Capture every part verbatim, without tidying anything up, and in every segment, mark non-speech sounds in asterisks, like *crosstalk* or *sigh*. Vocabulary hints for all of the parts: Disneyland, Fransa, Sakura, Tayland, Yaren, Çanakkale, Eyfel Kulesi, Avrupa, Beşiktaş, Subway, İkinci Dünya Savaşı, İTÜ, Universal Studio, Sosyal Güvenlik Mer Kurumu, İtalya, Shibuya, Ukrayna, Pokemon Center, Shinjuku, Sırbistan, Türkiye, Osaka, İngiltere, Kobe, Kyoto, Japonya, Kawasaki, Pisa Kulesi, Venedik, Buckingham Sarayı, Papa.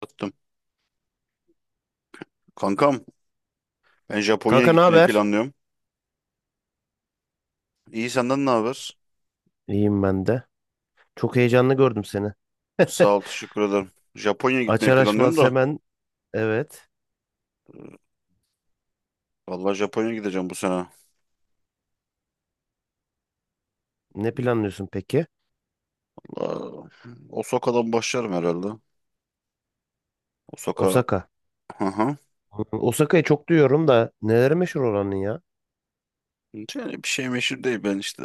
Attım. Kankam ben Japonya'ya Kanka, ne gitmeyi haber? planlıyorum. İyi senden ne haber? İyiyim ben de. Çok heyecanlı gördüm seni. Sağ *laughs* ol teşekkür ederim. Japonya'ya gitmeyi Açar planlıyorum açmaz da. hemen, evet. Vallahi Japonya'ya gideceğim bu sene. Ne planlıyorsun peki? Valla Osaka'dan başlarım herhalde. Osaka. Osaka. Hı hı. Hı, Osaka'yı çok duyuyorum da neleri meşhur oranın ya? Yani bir şey meşhur değil ben işte.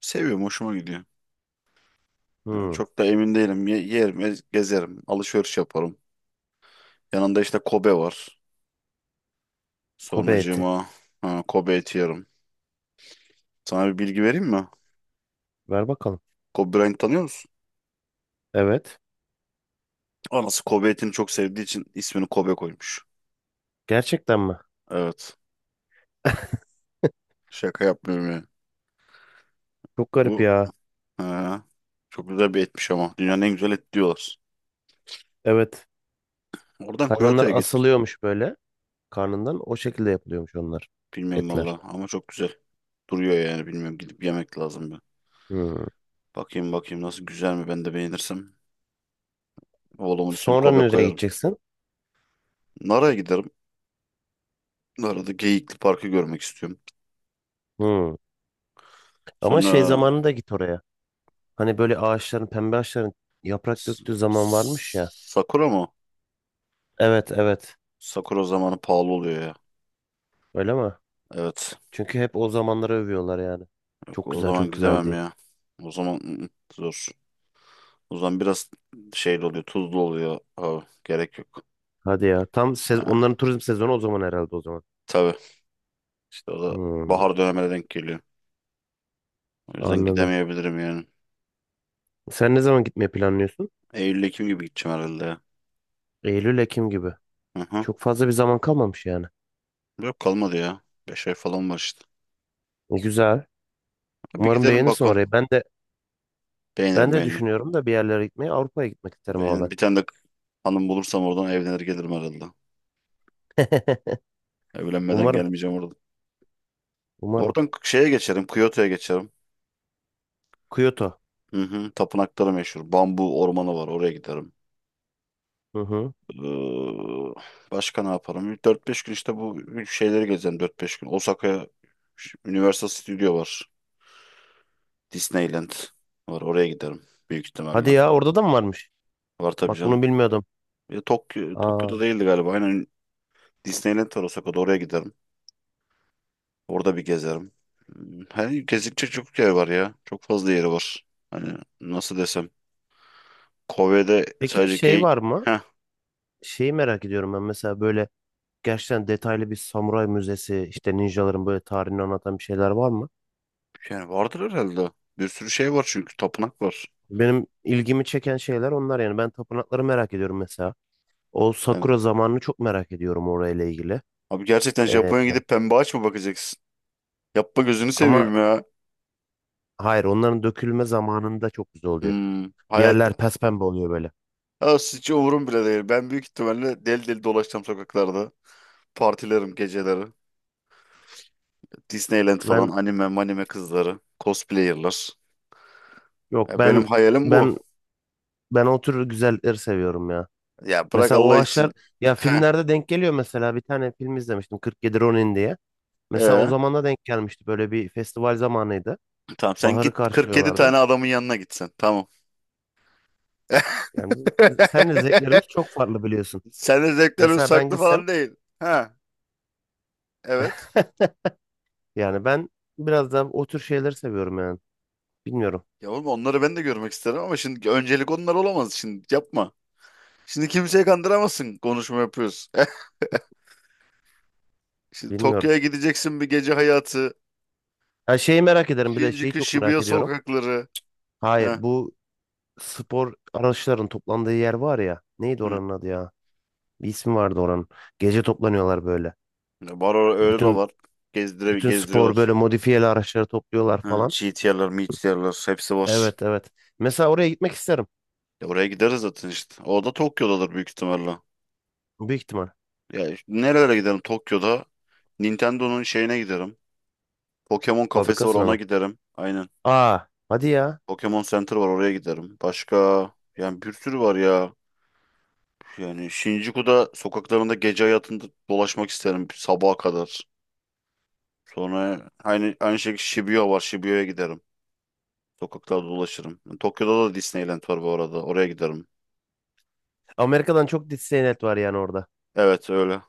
Seviyorum hoşuma gidiyor. Yani Hmm. çok da emin değilim. Ye- yerim ez- gezerim. Alışveriş yaparım. Yanında işte Kobe var. Kobe eti. Sonracığıma ha, Kobe eti yerim. Sana bir bilgi vereyim mi? Ver bakalım. Kobe Bryant tanıyor musun? Evet. Anası Kobe etini çok sevdiği için ismini Kobe koymuş. Gerçekten mi? Evet. Şaka yapmıyorum ya. Çok garip Bu ya. ha, Çok güzel bir etmiş ama. Dünyanın en güzel et diyorlar. Evet. Oradan Hayvanlar Kyoto'ya gitmiş. asılıyormuş böyle karnından. O şekilde yapılıyormuş onlar. Bilmiyorum Etler. valla ama çok güzel. Duruyor yani bilmiyorum. Gidip yemek lazım bir. Hmm. Bakayım bakayım nasıl güzel mi ben de beğenirsem. Oğlumun ismini Sonra Kobe nereye koyarım. gideceksin? Nara'ya giderim. Nara'da Geyikli Park'ı görmek istiyorum. Hmm. Ama şey Sonra zamanında git oraya. Hani böyle ağaçların, pembe ağaçların yaprak S- döktüğü zaman varmış ya. S- Sakura mı? Evet, evet. Sakura zamanı pahalı oluyor ya. Öyle mi? Evet. Çünkü hep o zamanları övüyorlar yani. Yok, Çok o güzel, çok zaman güzel gidemem diye. ya. O zaman ı, ı, zor. O zaman biraz şeyli oluyor, tuzlu oluyor. Ha, gerek yok. Hadi ya. Tam sez- Ha, Onların turizm sezonu o zaman herhalde o zaman. tabii. İşte o da Hmm, bahar dönemine denk geliyor. O yüzden anladım. gidemeyebilirim yani. Sen ne zaman gitmeyi planlıyorsun? Eylül-Ekim gibi gideceğim herhalde ya. Eylül, Ekim gibi. Hı hı. Çok fazla bir zaman kalmamış yani. Yok kalmadı ya. beş ay falan var işte. E, Güzel. Bir Umarım gidelim beğenirsin bakalım. orayı. Ben de ben Beğenirim de beğenirim. düşünüyorum da bir yerlere gitmeyi. Avrupa'ya gitmek isterim ama Beğenirim. ben. Bir tane de hanım bulursam oradan evlenir gelirim herhalde. *laughs* Evlenmeden Umarım, gelmeyeceğim oradan. umarım. Oradan şeye geçerim. Kyoto'ya geçerim. Kyoto. Hı hı. Tapınakları meşhur. Bambu ormanı var. Oraya giderim. Hı hı. Ee, Başka ne yaparım? Dört beş gün işte bu şeyleri gezeceğim. Dört beş gün. Osaka'ya Universal Studio var. Disneyland var. Oraya giderim büyük ihtimalle. Hadi ya, orada da mı varmış? Var tabii Bak canım. bunu bilmiyordum. Ya Tokyo, Aa. Tokyo'da değildi galiba. Aynen Disneyland var Osaka'da. Oraya giderim. Orada bir gezerim. Hmm, hani gezilecek çok yer var ya. Çok fazla yeri var. Hani nasıl desem. Kobe'de Peki sadece şey geyik. var mı? Heh, Şeyi merak ediyorum ben mesela, böyle gerçekten detaylı bir samuray müzesi, işte ninjaların böyle tarihini anlatan bir şeyler var mı? yani vardır herhalde. Bir sürü şey var çünkü. Tapınak var. Benim ilgimi çeken şeyler onlar yani, ben tapınakları merak ediyorum mesela. O Yani, Sakura zamanını çok merak ediyorum orayla ilgili. abi gerçekten Ee, Japonya'ya gidip pembe ağaç mı bakacaksın? Yapma gözünü ama seveyim ya. hayır, onların dökülme zamanında çok güzel oluyor. Hmm, hayat Yerler pespembe oluyor böyle. ya hiç umurum bile değil. Ben büyük ihtimalle deli deli dolaşacağım sokaklarda. Partilerim geceleri. Disneyland falan Ben, anime manime kızları. Cosplayerlar. yok Ya benim ben hayalim bu. ben ben o tür güzellikleri seviyorum ya. Ya bırak Mesela o Allah için. ağaçlar ya, Heh. filmlerde denk geliyor mesela, bir tane film izlemiştim, kırk yedi Ronin diye. Mesela o Ee, zamana denk gelmişti. Böyle bir festival zamanıydı. tamam sen Baharı git kırk yedi karşılıyorlardı. tane adamın yanına gitsen. Tamam. *laughs* Yani bizim- senle zevklerimiz çok farklı, biliyorsun. Senin zevklerin Mesela ben saklı gitsem falan değil. Ha, evet. *laughs* yani ben biraz daha o tür şeyleri seviyorum yani. Bilmiyorum. Ya oğlum onları ben de görmek isterim ama şimdi öncelik onlar olamaz. Şimdi yapma. Şimdi kimseyi kandıramazsın konuşma yapıyoruz. *laughs* Şimdi Bilmiyorum. Tokyo'ya gideceksin bir gece hayatı. Ha, şeyi merak ederim, bir de şeyi Shinjuku, çok merak Shibuya ediyorum. sokakları. Hayır Heh. bu spor araçların toplandığı yer var ya. Neydi Hı. oranın adı ya? Bir ismi vardı oranın. Gece toplanıyorlar böyle. Var o- öyle de Bütün var. Gezdire, bütün spor Gezdiriyorlar. böyle modifiyeli araçları topluyorlar Hı, falan. G T R'lar, M T R'lar hepsi var. Evet, evet. Mesela oraya gitmek isterim. Ya oraya gideriz zaten işte. O da Tokyo'dadır büyük ihtimalle. Büyük ihtimal. Ya işte nerelere giderim Tokyo'da? Nintendo'nun şeyine giderim. Pokemon kafesi var Fabrikasına ona mı? giderim. Aynen. Aa, hadi ya. Pokemon Center var oraya giderim. Başka yani bir sürü var ya. Yani Shinjuku'da sokaklarında gece hayatında dolaşmak isterim sabaha kadar. Sonra aynı aynı şekilde Shibuya var. Shibuya'ya giderim. Sokaklarda dolaşırım. Tokyo'da da Disneyland var bu arada. Oraya giderim. Amerika'dan çok Disneyland var yani orada. Evet öyle.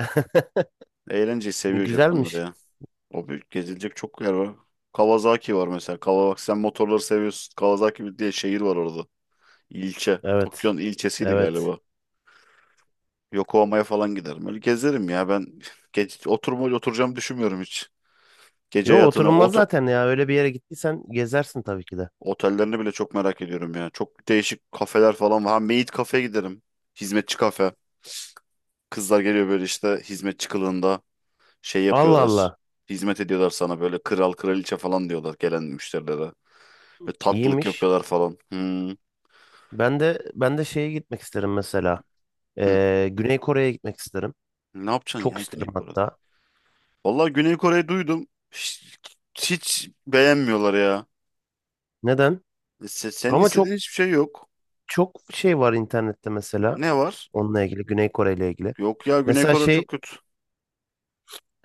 *laughs* Eğlenceyi seviyor Japonlar Güzelmiş. ya. O büyük gezilecek çok yer var. Kawasaki var mesela. Kawasaki sen motorları seviyorsun. Kawasaki diye şehir var orada. İlçe. Evet. Tokyo'nun ilçesiydi Evet. galiba. Yokohama'ya falan giderim. Öyle gezerim ya ben. *laughs* Gece, oturma, oturacağımı düşünmüyorum hiç. Gece Yo, hayatını, oturulmaz ot. zaten ya. Öyle bir yere gittiysen gezersin tabii ki de. Otellerini bile çok merak ediyorum ya. Çok değişik kafeler falan var. Ha maid kafeye giderim. Hizmetçi kafe. Kızlar geliyor böyle işte hizmetçi kılığında şey Allah Allah. yapıyorlar. Hizmet ediyorlar sana böyle kral kraliçe falan diyorlar gelen müşterilere. Ve tatlılık İyiymiş. yapıyorlar falan. Hmm. Ben de ben de şeye gitmek isterim mesela. Hı. Ee, Güney Kore'ye gitmek isterim. Ne yapacaksın Çok ya isterim Güney Kore'de? hatta. Vallahi Güney Kore'yi duydum. Hiç, hiç beğenmiyorlar ya. Neden? E, Se- Senin Ama istediğin çok hiçbir şey yok. çok şey var internette mesela. Ne var? Onunla ilgili, Güney Kore ile ilgili. Yok ya Güney Mesela Kore şey çok kötü.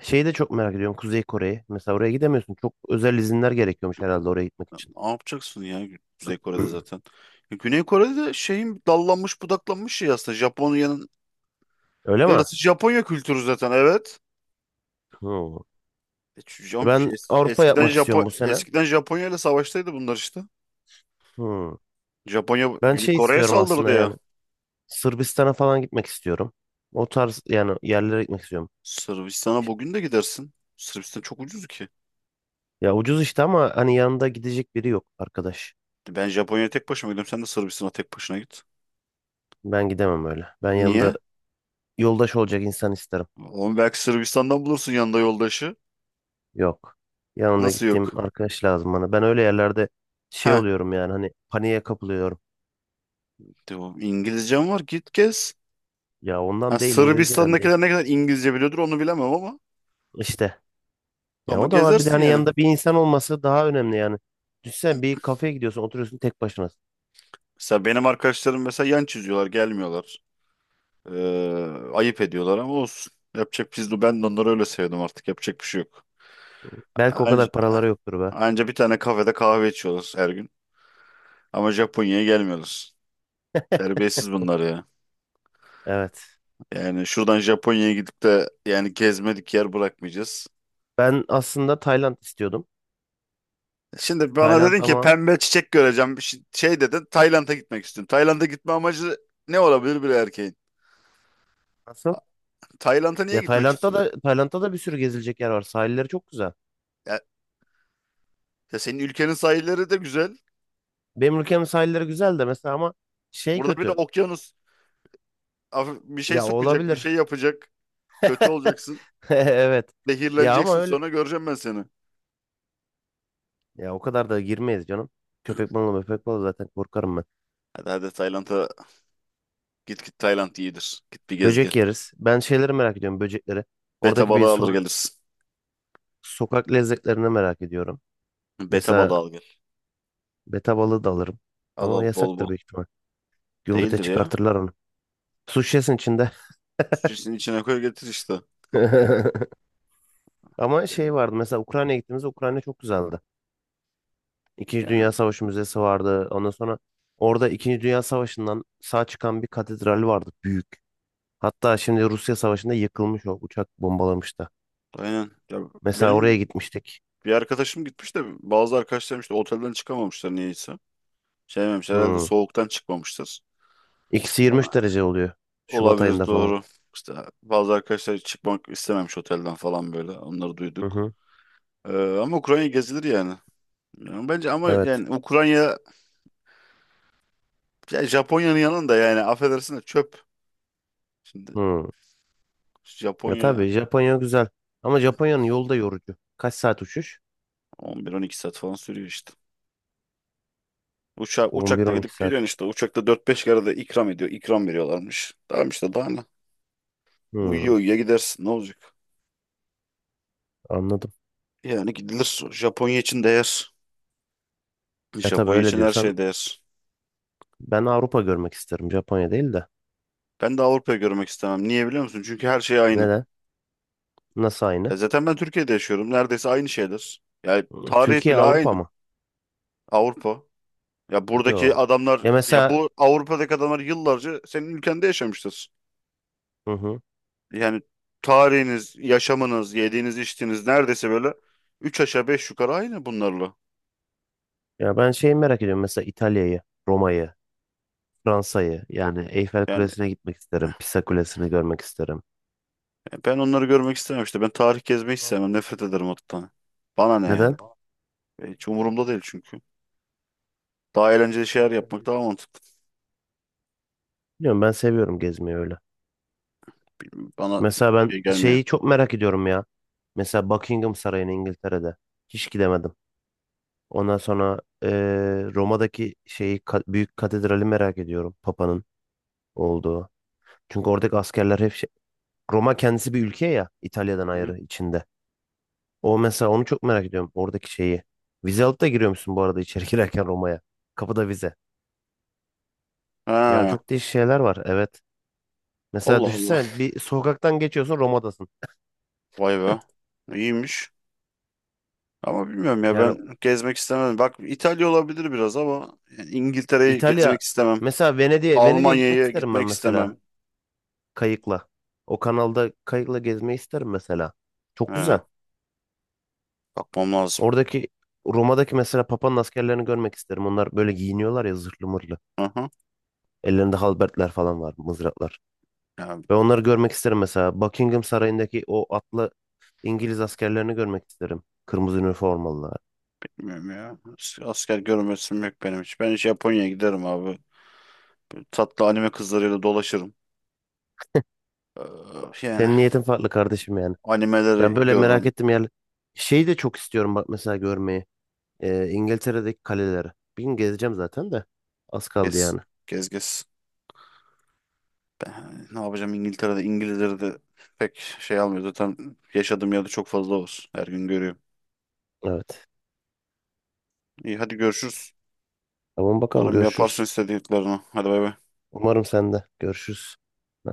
şeyi de çok merak ediyorum. Kuzey Kore'yi. Mesela oraya gidemiyorsun. Çok özel izinler gerekiyormuş herhalde oraya gitmek için. Ne yapacaksın ya Gü- Kuzey Kore'de *clears throat* zaten. Ya Güney Kore'de de şeyin dallanmış budaklanmış şey aslında. Japonya'nın Öyle mi? yarısı Japonya kültürü zaten evet. Hmm. E, şu Jap- Ben es- Avrupa Eskiden yapmak Japo istiyorum bu sene. eskiden Japonya ile savaştaydı bunlar işte. Hmm. Japonya Ben Güney şey Kore'ye istiyorum saldırdı aslında ya. yani. Sırbistan'a falan gitmek istiyorum. O tarz yani yerlere gitmek istiyorum. Sırbistan'a bugün de gidersin. Sırbistan çok ucuz ki. Ya ucuz işte, ama hani yanında gidecek biri yok arkadaş. Ben Japonya'ya tek başıma gidiyorum. Sen de Sırbistan'a tek başına git. Ben gidemem öyle. Ben yanında Niye? yoldaş olacak insan isterim. Oğlum belki Sırbistan'dan bulursun yanında yoldaşı. Yok. Yanında Nasıl gittiğim yok? arkadaş lazım bana. Ben öyle yerlerde şey Ha. oluyorum yani, hani paniğe kapılıyorum. İngilizcem var git gez. Ya Ha, ondan değil, İngilizceden değil. Sırbistan'dakiler ne kadar İngilizce biliyordur onu bilemem ama İşte. Ya, ama o da var. Bir de gezersin hani yani. yanında bir insan olması daha önemli yani. Düşünsene, bir kafeye gidiyorsun, oturuyorsun tek başına. Mesela benim arkadaşlarım mesela yan çiziyorlar, gelmiyorlar. Ee, ayıp ediyorlar ama olsun. Yapacak biz de Ben de onları öyle sevdim artık. Yapacak bir şey yok. Belki o Anca, kadar paraları yoktur be. anca bir tane kafede kahve içiyoruz her gün. Ama Japonya'ya gelmiyoruz. *laughs* Terbiyesiz bunlar ya. Evet. Yani şuradan Japonya'ya gidip de yani gezmedik yer bırakmayacağız. Ben aslında Tayland istiyordum. Şimdi bana Tayland dedin ki ama pembe çiçek göreceğim. Bir Şey şey Dedin Tayland'a gitmek istiyorum. Tayland'a gitme amacı ne olabilir bir erkeğin? nasıl? Tayland'a niye Ya gitmek Tayland'da istiyorsun? da, Tayland'da da bir sürü gezilecek yer var. Sahilleri çok güzel. Ya, Ya senin ülkenin sahilleri de güzel. Benim ülkemin sahilleri güzel de mesela, ama şey Burada bir de kötü. okyanus. Af- Bir şey Ya, sokacak, bir şey olabilir. yapacak. Kötü *laughs* olacaksın. Evet. Ya ama Zehirleneceksin öyle. sonra göreceğim ben seni. Ya o kadar da girmeyiz canım. Köpek balığı, köpek balığı zaten korkarım ben. Hadi hadi Tayland'a git git Tayland iyidir. Git bir gez gel. Böcek yeriz. Ben şeyleri merak ediyorum, böcekleri. Beta Oradaki bir balığı alır sokak, gelirsin. sokak lezzetlerini merak ediyorum. Beta Mesela balığı al gel. beta balığı da alırım. Al Ama o al bol yasaktır bol. büyük ihtimal. Gümrüte Değildir ya. çıkartırlar onu. Su şişesinin içinde. Sütçesinin içine koy getir işte. *laughs* Ama Yani, şey vardı, mesela Ukrayna'ya gittiğimizde Ukrayna çok güzeldi. İkinci yani Dünya Savaşı Müzesi vardı. Ondan sonra orada İkinci Dünya Savaşı'ndan sağ çıkan bir katedral vardı, büyük. Hatta şimdi Rusya Savaşı'nda yıkılmış, o uçak bombalamıştı. aynen. Ya Mesela oraya benim gitmiştik. bir arkadaşım gitmiş de bazı arkadaşlarım işte otelden çıkamamışlar niyeyse. Sevmemişler herhalde Hmm. soğuktan çıkmamışlar. Eksi Ama yirmi üç derece oluyor Şubat Olabilir ayında falan. doğru. İşte bazı arkadaşlar hiç çıkmak istememiş otelden falan böyle. Onları Hı duyduk. hı. Ee, ama Ukrayna gezilir yani. Yani bence ama Evet. yani Ukrayna ya Japonya'nın yanında yani affedersin de çöp. Şimdi Hmm. Ya Japonya tabii Japonya güzel. Ama Japonya'nın yolu da yorucu. Kaç saat uçuş? on bir on iki saat falan sürüyor işte. Uçak, uçakla on bir on iki gidip saat. geliyorsun işte. Uçakta dört beş kere de ikram ediyor. İkram veriyorlarmış. Tamam işte daha ne? Hmm. Uyuyor uyuyor gidersin ne olacak? Anladım. Yani gidilir. Japonya için değer. Ya tabii Japonya öyle için her diyorsan, şey değer. ben Avrupa görmek isterim, Japonya değil de. Ben de Avrupa'yı görmek istemem. Niye biliyor musun? Çünkü her şey aynı. Neden? Nasıl aynı? Ya zaten ben Türkiye'de yaşıyorum. Neredeyse aynı şeyler. Yani Hmm, tarih Türkiye bile aynı. Avrupa mı? Avrupa. Ya buradaki Yo. adamlar Ya ya mesela, bu Avrupa'daki adamlar yıllarca senin ülkende yaşamıştır. hı hı. Yani tarihiniz, yaşamınız, yediğiniz, içtiğiniz neredeyse böyle üç aşağı beş yukarı aynı bunlarla. Ya ben şeyi merak ediyorum mesela, İtalya'yı, Roma'yı, Fransa'yı, yani Eyfel Yani Kulesi'ne gitmek isterim, Pisa e, Kulesi'ni görmek isterim. E, ben onları görmek istemem işte. Ben tarih gezmeyi hiç sevmem. Nefret ederim o tane. Bana ne yani? Neden? E, Hiç umurumda değil çünkü. Daha eğlenceli şeyler yapmak daha mantıklı. Bilmiyorum, ben seviyorum gezmeyi öyle. Bana Mesela ben şey gelmiyor. şeyi çok merak ediyorum ya. Mesela Buckingham Sarayı'nı, İngiltere'de. Hiç gidemedim. Ondan sonra eee, Roma'daki şeyi, ka- büyük katedrali merak ediyorum. Papa'nın olduğu. Çünkü oradaki askerler hep şey, Roma kendisi bir ülke ya, İtalya'dan Hı hı. ayrı içinde. O mesela, onu çok merak ediyorum, oradaki şeyi. Vize alıp da giriyor musun bu arada içeri *laughs* girerken Roma'ya? Kapıda vize. Yani Ha, çok değişik şeyler var, evet. Mesela Allah Allah. düşünsene, bir sokaktan geçiyorsun, Roma'dasın. Vay be. İyiymiş. Ama bilmiyorum ya Yani ben gezmek istemem. Bak İtalya olabilir biraz ama yani İngiltere'yi İtalya, gezmek istemem. mesela Venedik'e, Venedik'e gitmek Almanya'ya isterim ben gitmek mesela, istemem. kayıkla. O kanalda kayıkla gezmeyi isterim mesela. Çok He, güzel. bakmam lazım. Oradaki Roma'daki mesela Papa'nın askerlerini görmek isterim. Onlar böyle giyiniyorlar ya, zırhlı mırlı. Aha. Ellerinde halbertler falan var, mızraklar. Ya Ve onları görmek isterim mesela. Buckingham Sarayı'ndaki o atlı İngiliz askerlerini görmek isterim. Kırmızı üniformalılar. bilmiyorum ya. As- Asker görmesim yok benim hiç. Ben hiç Japonya'ya giderim abi. Tatlı anime kızlarıyla dolaşırım. Ee, yani Senin niyetin farklı kardeşim yani. Ben Animeleri böyle merak görürüm. ettim yani. Şeyi de çok istiyorum bak mesela, görmeyi. Ee, İngiltere'deki kaleleri. Bir gün gezeceğim zaten de. Az kaldı Gez yani. Gez gez. Ben ne yapacağım İngiltere'de? İngilizleri de pek şey almıyor. Zaten yaşadığım yerde çok fazla var. Her gün görüyorum. Evet. İyi hadi görüşürüz. Tamam bakalım, Umarım yaparsın görüşürüz. istediklerini. Hadi bay bay. Umarım sen de. Görüşürüz.